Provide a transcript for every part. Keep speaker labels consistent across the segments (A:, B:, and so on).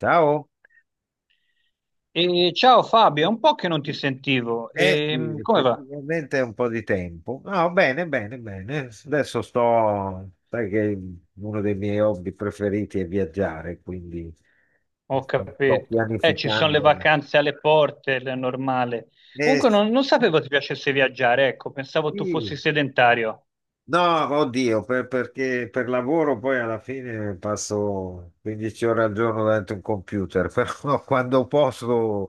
A: Ciao,
B: E ciao Fabio, è un po' che non ti sentivo.
A: sì,
B: Come va?
A: effettivamente è un po' di tempo. No, bene, bene, bene. Adesso sai che uno dei miei hobby preferiti è viaggiare, quindi
B: Ho
A: sto
B: capito. Ci sono le
A: pianificando.
B: vacanze alle porte, è normale.
A: Eh,
B: Comunque non sapevo ti piacesse viaggiare, ecco, pensavo tu
A: sì,
B: fossi sedentario.
A: No, oddio, perché per lavoro poi alla fine passo 15 ore al giorno davanti a un computer, però quando posso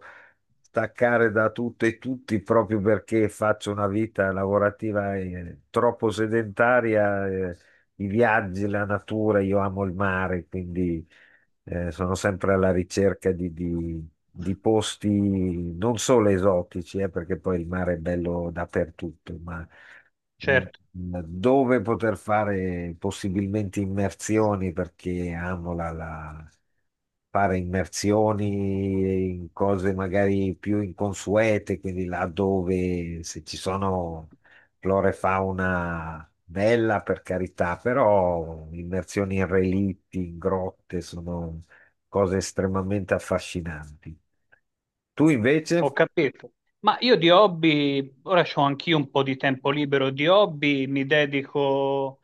A: staccare da tutto e tutti proprio perché faccio una vita lavorativa troppo sedentaria. I viaggi, la natura, io amo il mare, quindi sono sempre alla ricerca di posti non solo esotici, perché poi il mare è bello dappertutto, ma eh,
B: Certo,
A: dove poter fare possibilmente immersioni, perché amo fare immersioni in cose magari più inconsuete, quindi là dove se ci sono flora e fauna bella per carità, però immersioni in relitti, in grotte sono cose estremamente affascinanti. Tu
B: ho
A: invece?
B: capito. Ma io di hobby, ora ho anch'io un po' di tempo libero, di hobby mi dedico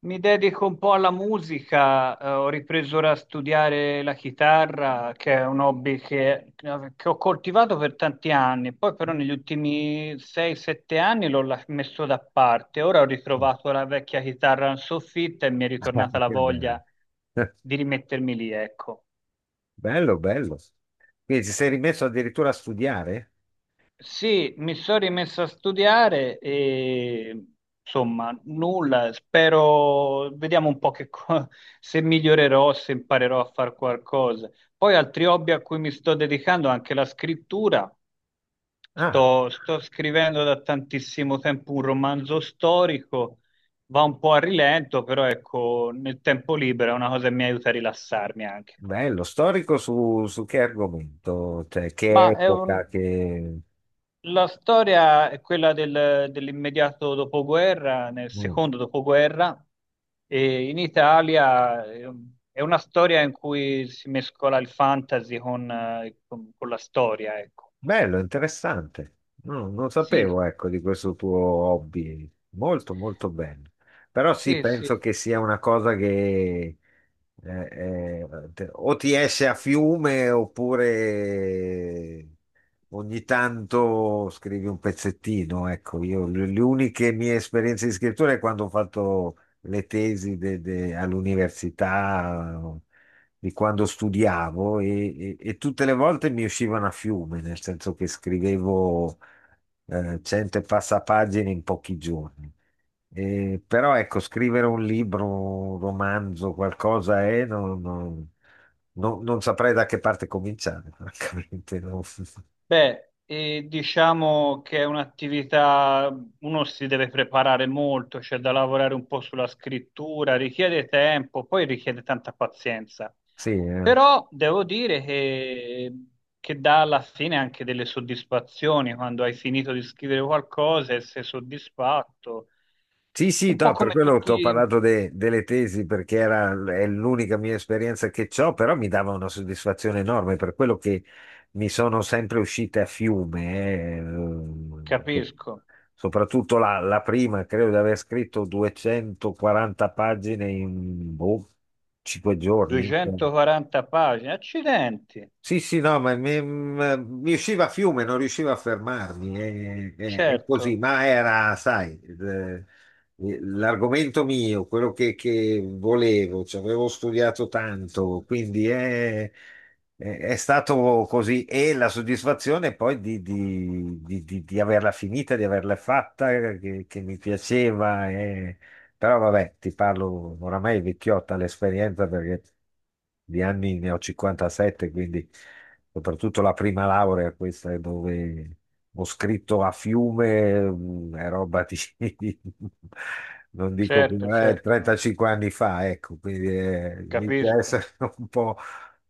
B: Mi dedico un po' alla musica, ho ripreso ora a studiare la chitarra, che è un hobby che ho coltivato per tanti anni, poi però negli ultimi 6-7 anni l'ho messo da parte, ora ho ritrovato la vecchia chitarra in soffitta e mi è
A: Ah,
B: ritornata la
A: che bello.
B: voglia di rimettermi lì, ecco.
A: Bello, bello. Quindi ti sei rimesso addirittura a studiare?
B: Sì, mi sono rimesso a studiare e insomma, nulla, spero, vediamo un po' se migliorerò, se imparerò a fare qualcosa. Poi altri hobby a cui mi sto dedicando, anche la scrittura,
A: Ah,
B: sto scrivendo da tantissimo tempo un romanzo storico, va un po' a rilento, però ecco, nel tempo libero è una cosa che mi aiuta a rilassarmi anche.
A: bello. Storico su, su che argomento? Cioè, che
B: Ma è un,
A: epoca, che...
B: La storia è quella dell'immediato dopoguerra, nel
A: Mm.
B: secondo dopoguerra, e in Italia è una storia in cui si mescola il fantasy con la storia, ecco.
A: Bello, interessante. No, non
B: Sì,
A: sapevo, ecco, di questo tuo hobby. Molto, molto bello. Però sì,
B: sì, sì.
A: penso che sia una cosa che o ti esce a fiume oppure ogni tanto scrivi un pezzettino. Ecco, io le uniche mie esperienze di scrittura è quando ho fatto le tesi all'università di quando studiavo e, e tutte le volte mi uscivano a fiume, nel senso che scrivevo 100 e passa pagine in pochi giorni. Però ecco, scrivere un libro, un romanzo, qualcosa è, non saprei da che parte cominciare, francamente. No.
B: Beh, diciamo che è un'attività, uno si deve preparare molto, c'è da lavorare un po' sulla scrittura, richiede tempo, poi richiede tanta pazienza.
A: Sì, eh.
B: Però devo dire che dà alla fine anche delle soddisfazioni quando hai finito di scrivere qualcosa e sei soddisfatto.
A: Sì, sì,
B: Un po'
A: no, per
B: come
A: quello ti ho
B: tutti,
A: parlato delle tesi perché era, è l'unica mia esperienza che ho, però mi dava una soddisfazione enorme per quello che mi sono sempre uscite a fiume,
B: capisco,
A: soprattutto la prima, credo di aver scritto 240 pagine in boh, 5 giorni.
B: 240 pagine, accidenti,
A: Sì, sì, no, ma mi usciva a fiume, non riuscivo a fermarmi, è, è così,
B: certo,
A: ma era, sai, l'argomento mio, quello che volevo, ci avevo studiato tanto, quindi è, è stato così e la soddisfazione poi di averla finita, di averla fatta, che mi piaceva. Però vabbè, ti parlo oramai è vecchiotta l'esperienza perché di anni ne ho 57, quindi soprattutto la prima laurea, questa è dove ho scritto a fiume. Mm, è roba di, non dico
B: certo, certo,
A: 35 anni fa, ecco, quindi inizia a essere
B: capisco.
A: un po',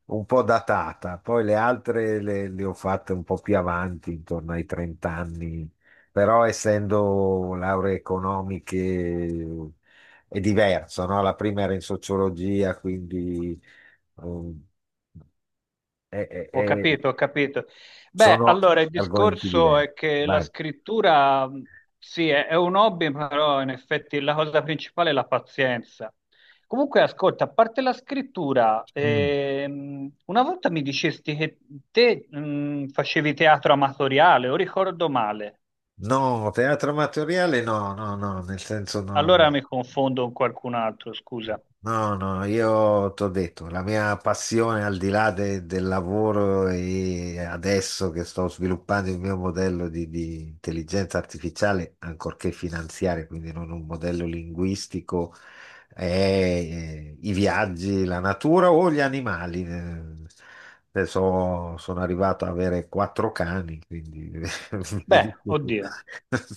A: un po' datata. Poi le altre le ho fatte un po' più avanti, intorno ai 30 anni, però essendo lauree economiche è diverso, no? La prima era in sociologia, quindi um,
B: Ho
A: è-
B: capito, ho capito. Beh,
A: sono
B: allora il
A: argomenti
B: discorso
A: diversi.
B: è che la
A: Vai.
B: scrittura sì, è un hobby, però in effetti la cosa principale è la pazienza. Comunque, ascolta, a parte la scrittura,
A: Mm.
B: una volta mi dicesti che te facevi teatro amatoriale, o ricordo male?
A: No, teatro amatoriale no, no, no, nel senso no.
B: Allora mi confondo con qualcun altro, scusa.
A: No, no, io ti ho detto, la mia passione al di là del lavoro e adesso che sto sviluppando il mio modello di intelligenza artificiale, ancorché finanziaria, quindi non un modello linguistico, è i viaggi, la natura o gli animali. Adesso sono arrivato ad avere quattro cani, quindi
B: Beh,
A: vedi tu.
B: oddio.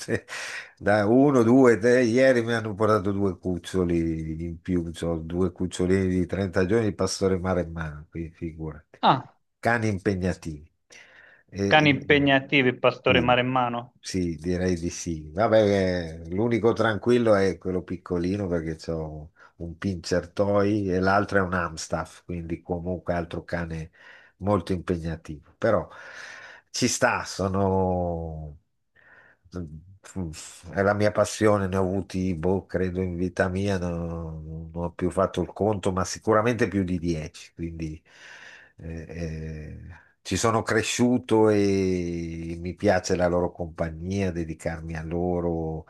A: Da uno, due, tre, ieri mi hanno portato due cuccioli in più, c'ho due cucciolini di 30 giorni di pastore maremmano, quindi figurati.
B: Ah,
A: Cani impegnativi. E-
B: cani
A: e-
B: impegnativi, pastore
A: sì,
B: maremmano.
A: sì, direi di sì. Vabbè, l'unico tranquillo è quello piccolino perché c'ho un pincher toy e l'altro è un Amstaff, quindi comunque altro cane molto impegnativo, però ci sta, sono... mm, mm, è la mia passione, ne ho avuti, boh, credo in vita mia, non ho più fatto il conto, ma sicuramente più di 10, quindi eh, eh, ci sono cresciuto e mi piace la loro compagnia, dedicarmi a loro.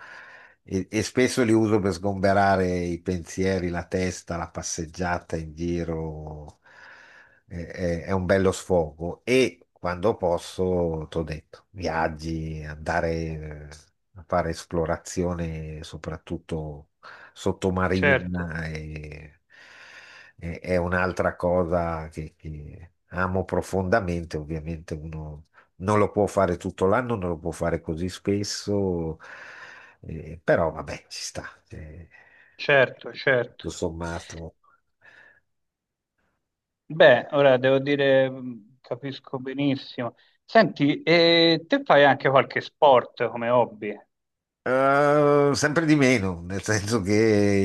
A: E spesso li uso per sgomberare i pensieri, la testa, la passeggiata in giro. È un bello sfogo. E quando posso, t'ho detto, viaggi, andare a fare esplorazione, soprattutto
B: Certo,
A: sottomarina, è un'altra cosa che amo profondamente. Ovviamente uno non lo può fare tutto l'anno, non lo può fare così spesso, però vabbè, ci sta, eh,
B: certo, certo.
A: tutto sommato.
B: Beh, ora devo dire, capisco benissimo. Senti, e te fai anche qualche sport come hobby?
A: Sempre di meno, nel senso che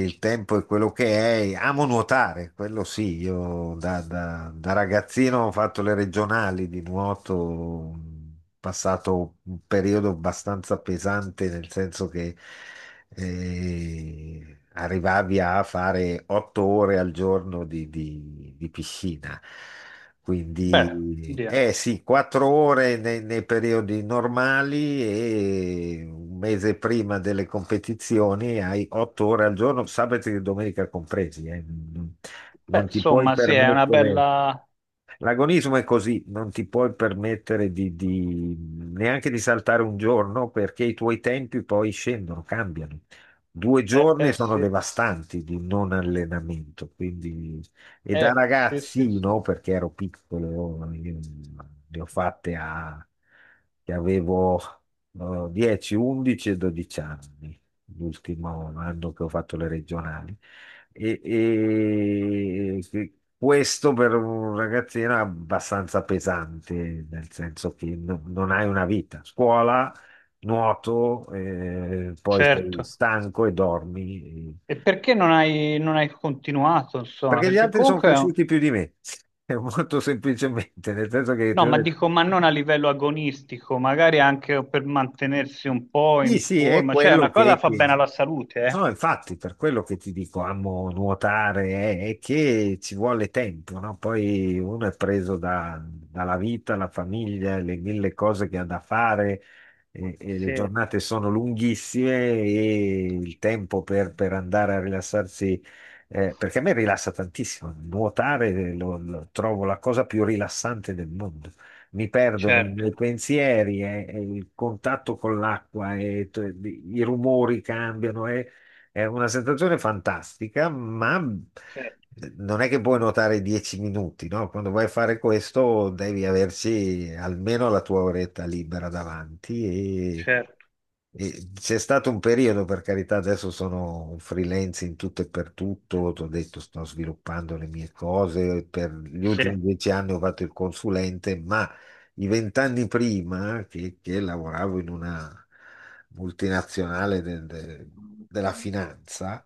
A: il tempo è quello che è. Amo nuotare, quello sì. Io da ragazzino ho fatto le regionali di nuoto, ho passato un periodo abbastanza pesante, nel senso che arrivavi a fare 8 ore al giorno di piscina.
B: Beh,
A: Quindi,
B: via.
A: eh sì, 4 ore nei periodi normali e un mese prima delle competizioni hai 8 ore al giorno, sabato e domenica compresi. Eh. Non
B: Beh,
A: non ti puoi
B: insomma, sì, è una
A: permettere.
B: bella...
A: L'agonismo è così, non ti puoi permettere neanche di saltare un giorno perché i tuoi tempi poi scendono, cambiano. Due giorni sono
B: Sì,
A: devastanti di non allenamento, quindi... E da
B: sì, sì, sì.
A: ragazzino, perché ero piccolo, io ne ho fatte a... che avevo 10, 11 e 12 anni, l'ultimo anno che ho fatto le regionali. E, e questo per un ragazzino è abbastanza pesante, nel senso che non hai una vita. Scuola, nuoto, poi sei
B: Certo.
A: stanco e dormi.
B: E perché non hai continuato, insomma?
A: Perché gli
B: Perché
A: altri sono
B: comunque... è un-
A: cresciuti più di me, molto semplicemente, nel senso che ti
B: No,
A: ho
B: ma
A: detto,
B: dico, ma non a livello agonistico, magari anche per mantenersi un po'
A: sì,
B: in
A: sì, è
B: forma. Cioè,
A: quello
B: una cosa
A: che...
B: fa bene alla salute,
A: No,
B: eh?
A: no, infatti, per quello che ti dico, amo nuotare, è che ci vuole tempo, no? Poi uno è preso dalla vita, la famiglia, le mille cose che ha da fare, e le
B: Sì,
A: giornate sono lunghissime e il tempo per andare a rilassarsi, perché a me rilassa tantissimo, nuotare lo trovo la cosa più rilassante del mondo. Mi perdo nei
B: certo,
A: miei pensieri, e il contatto con l'acqua, e i rumori cambiano. È una sensazione fantastica, ma mhmm,
B: certo,
A: non è che puoi nuotare 10 minuti, no? Quando vai a fare questo devi averci almeno la tua oretta libera davanti e,
B: certo.
A: e c'è stato un periodo, per carità, adesso sono un freelance in tutto e per tutto, ti ho detto sto sviluppando le mie cose, per gli
B: Sì.
A: ultimi 10 anni ho fatto il consulente, ma i 20 anni prima che lavoravo in una multinazionale della finanza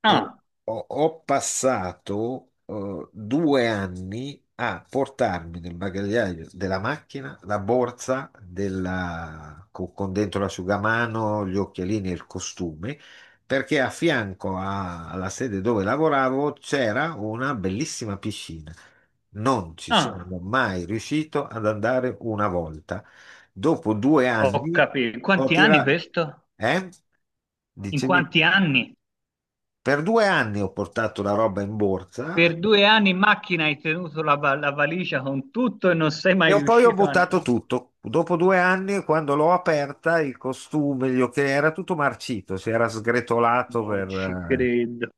A: eh,
B: Ah,
A: ho passato 2 anni a portarmi nel bagagliaio della macchina la borsa con, dentro l'asciugamano, gli occhialini e il costume, perché a fianco alla sede dove lavoravo c'era una bellissima piscina. Non ci
B: ah,
A: sono mai riuscito ad andare una volta. Dopo due
B: ho
A: anni
B: capito.
A: ho
B: Quanti anni
A: tirato...
B: questo?
A: Eh?
B: In
A: Dicevi?
B: quanti anni?
A: Per 2 anni ho portato la roba in borsa.
B: Per due anni in macchina hai tenuto la valigia con tutto e non sei mai
A: E poi ho
B: riuscito a
A: buttato
B: andare.
A: tutto. Dopo due anni, quando l'ho aperta, il costume, gli occhiali, era tutto marcito, si era sgretolato
B: Non
A: per...
B: ci credo.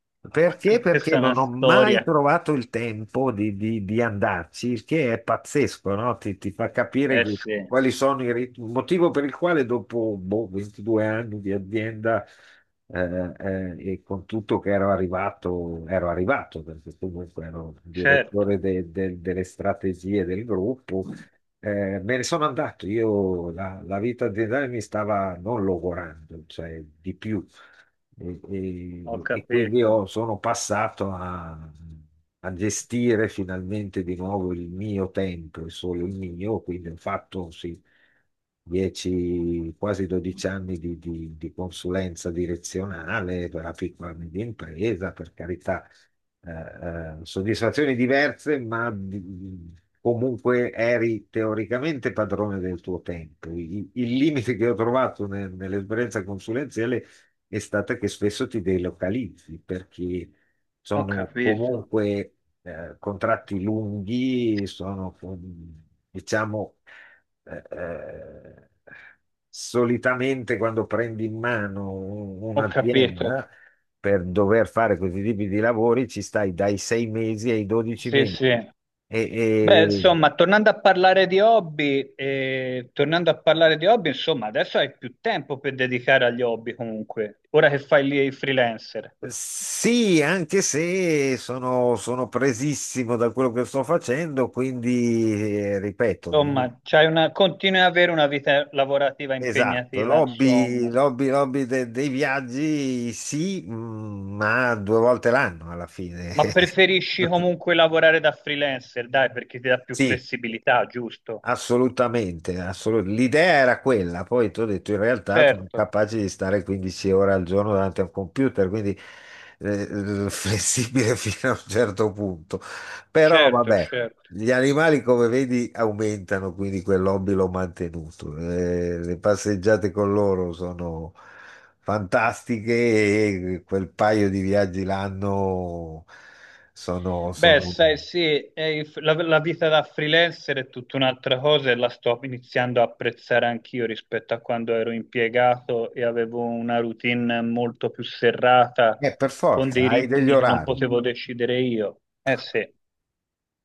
B: Ma
A: Perché?
B: che-
A: Perché
B: questa è una
A: non ho mai
B: storia.
A: trovato il tempo di andarci, il che è pazzesco, no? Ti fa capire
B: Eh
A: che-
B: sì,
A: quali sono i ritmi, il motivo per il quale dopo boh, 22 anni di azienda eh, e con tutto che ero arrivato, perché comunque ero
B: certo,
A: direttore delle strategie del gruppo. Me ne sono andato, io la vita aziendale mi stava non logorando, cioè di più. E,
B: ho
A: e quindi
B: capito,
A: io sono passato a gestire finalmente di nuovo il mio tempo, e solo il mio, quindi ho fatto sì, 10, quasi 12 anni di consulenza direzionale per la piccola e media impresa, per carità, eh, soddisfazioni diverse, ma comunque eri teoricamente padrone del tuo tempo. Il limite che ho trovato nell'esperienza consulenziale è stato che spesso ti delocalizzi perché
B: ho
A: sono
B: capito,
A: comunque contratti lunghi, sono diciamo eh, eh, solitamente quando prendi in mano
B: ho capito.
A: un'azienda per dover fare questi tipi di lavori ci stai dai 6 mesi ai 12
B: Sì,
A: mesi.
B: sì. Beh,
A: E,
B: insomma, tornando a parlare di hobby, insomma, adesso hai più tempo per dedicare agli hobby comunque, ora che fai lì il freelancer.
A: sì, anche se sono, sono presissimo da quello che sto facendo, quindi ripeto, mi-
B: Insomma, continui ad avere una vita lavorativa
A: esatto,
B: impegnativa, insomma,
A: l'hobby dei viaggi sì, mm, ma 2 volte l'anno alla fine.
B: ma preferisci comunque lavorare da freelancer, dai, perché ti dà più
A: Sì,
B: flessibilità, giusto?
A: assolutamente, assolut- l'idea era quella, poi ti ho detto in realtà sono
B: Certo,
A: capace di stare 15 ore al giorno davanti a un computer, quindi flessibile fino a un certo punto. Però
B: certo,
A: vabbè,
B: certo.
A: gli animali come vedi aumentano, quindi quell'hobby l'ho mantenuto. Le passeggiate con loro sono fantastiche e quel paio di viaggi l'anno sono,
B: Beh, sai,
A: sono...
B: sì, è la vita da freelancer è tutta un'altra cosa e la sto iniziando a apprezzare anch'io rispetto a quando ero impiegato e avevo una routine molto più serrata,
A: Per
B: con
A: forza,
B: dei
A: hai degli
B: ritmi che non
A: orari.
B: potevo decidere io. Eh sì,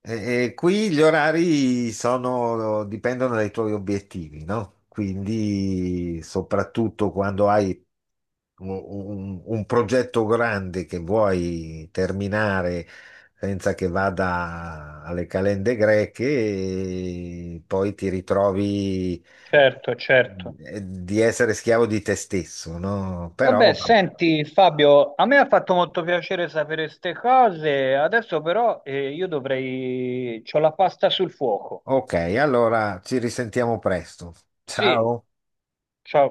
A: E qui gli orari sono, dipendono dai tuoi obiettivi, no? Quindi, soprattutto quando hai un progetto grande che vuoi terminare senza che vada alle calende greche, e poi ti ritrovi
B: certo, certo.
A: di essere schiavo di te stesso, no? Però,
B: Vabbè,
A: vabbè.
B: senti Fabio, a me ha fatto molto piacere sapere queste cose, adesso però io dovrei... c'ho la pasta sul fuoco.
A: Ok, allora ci risentiamo presto.
B: Sì,
A: Ciao.
B: ciao.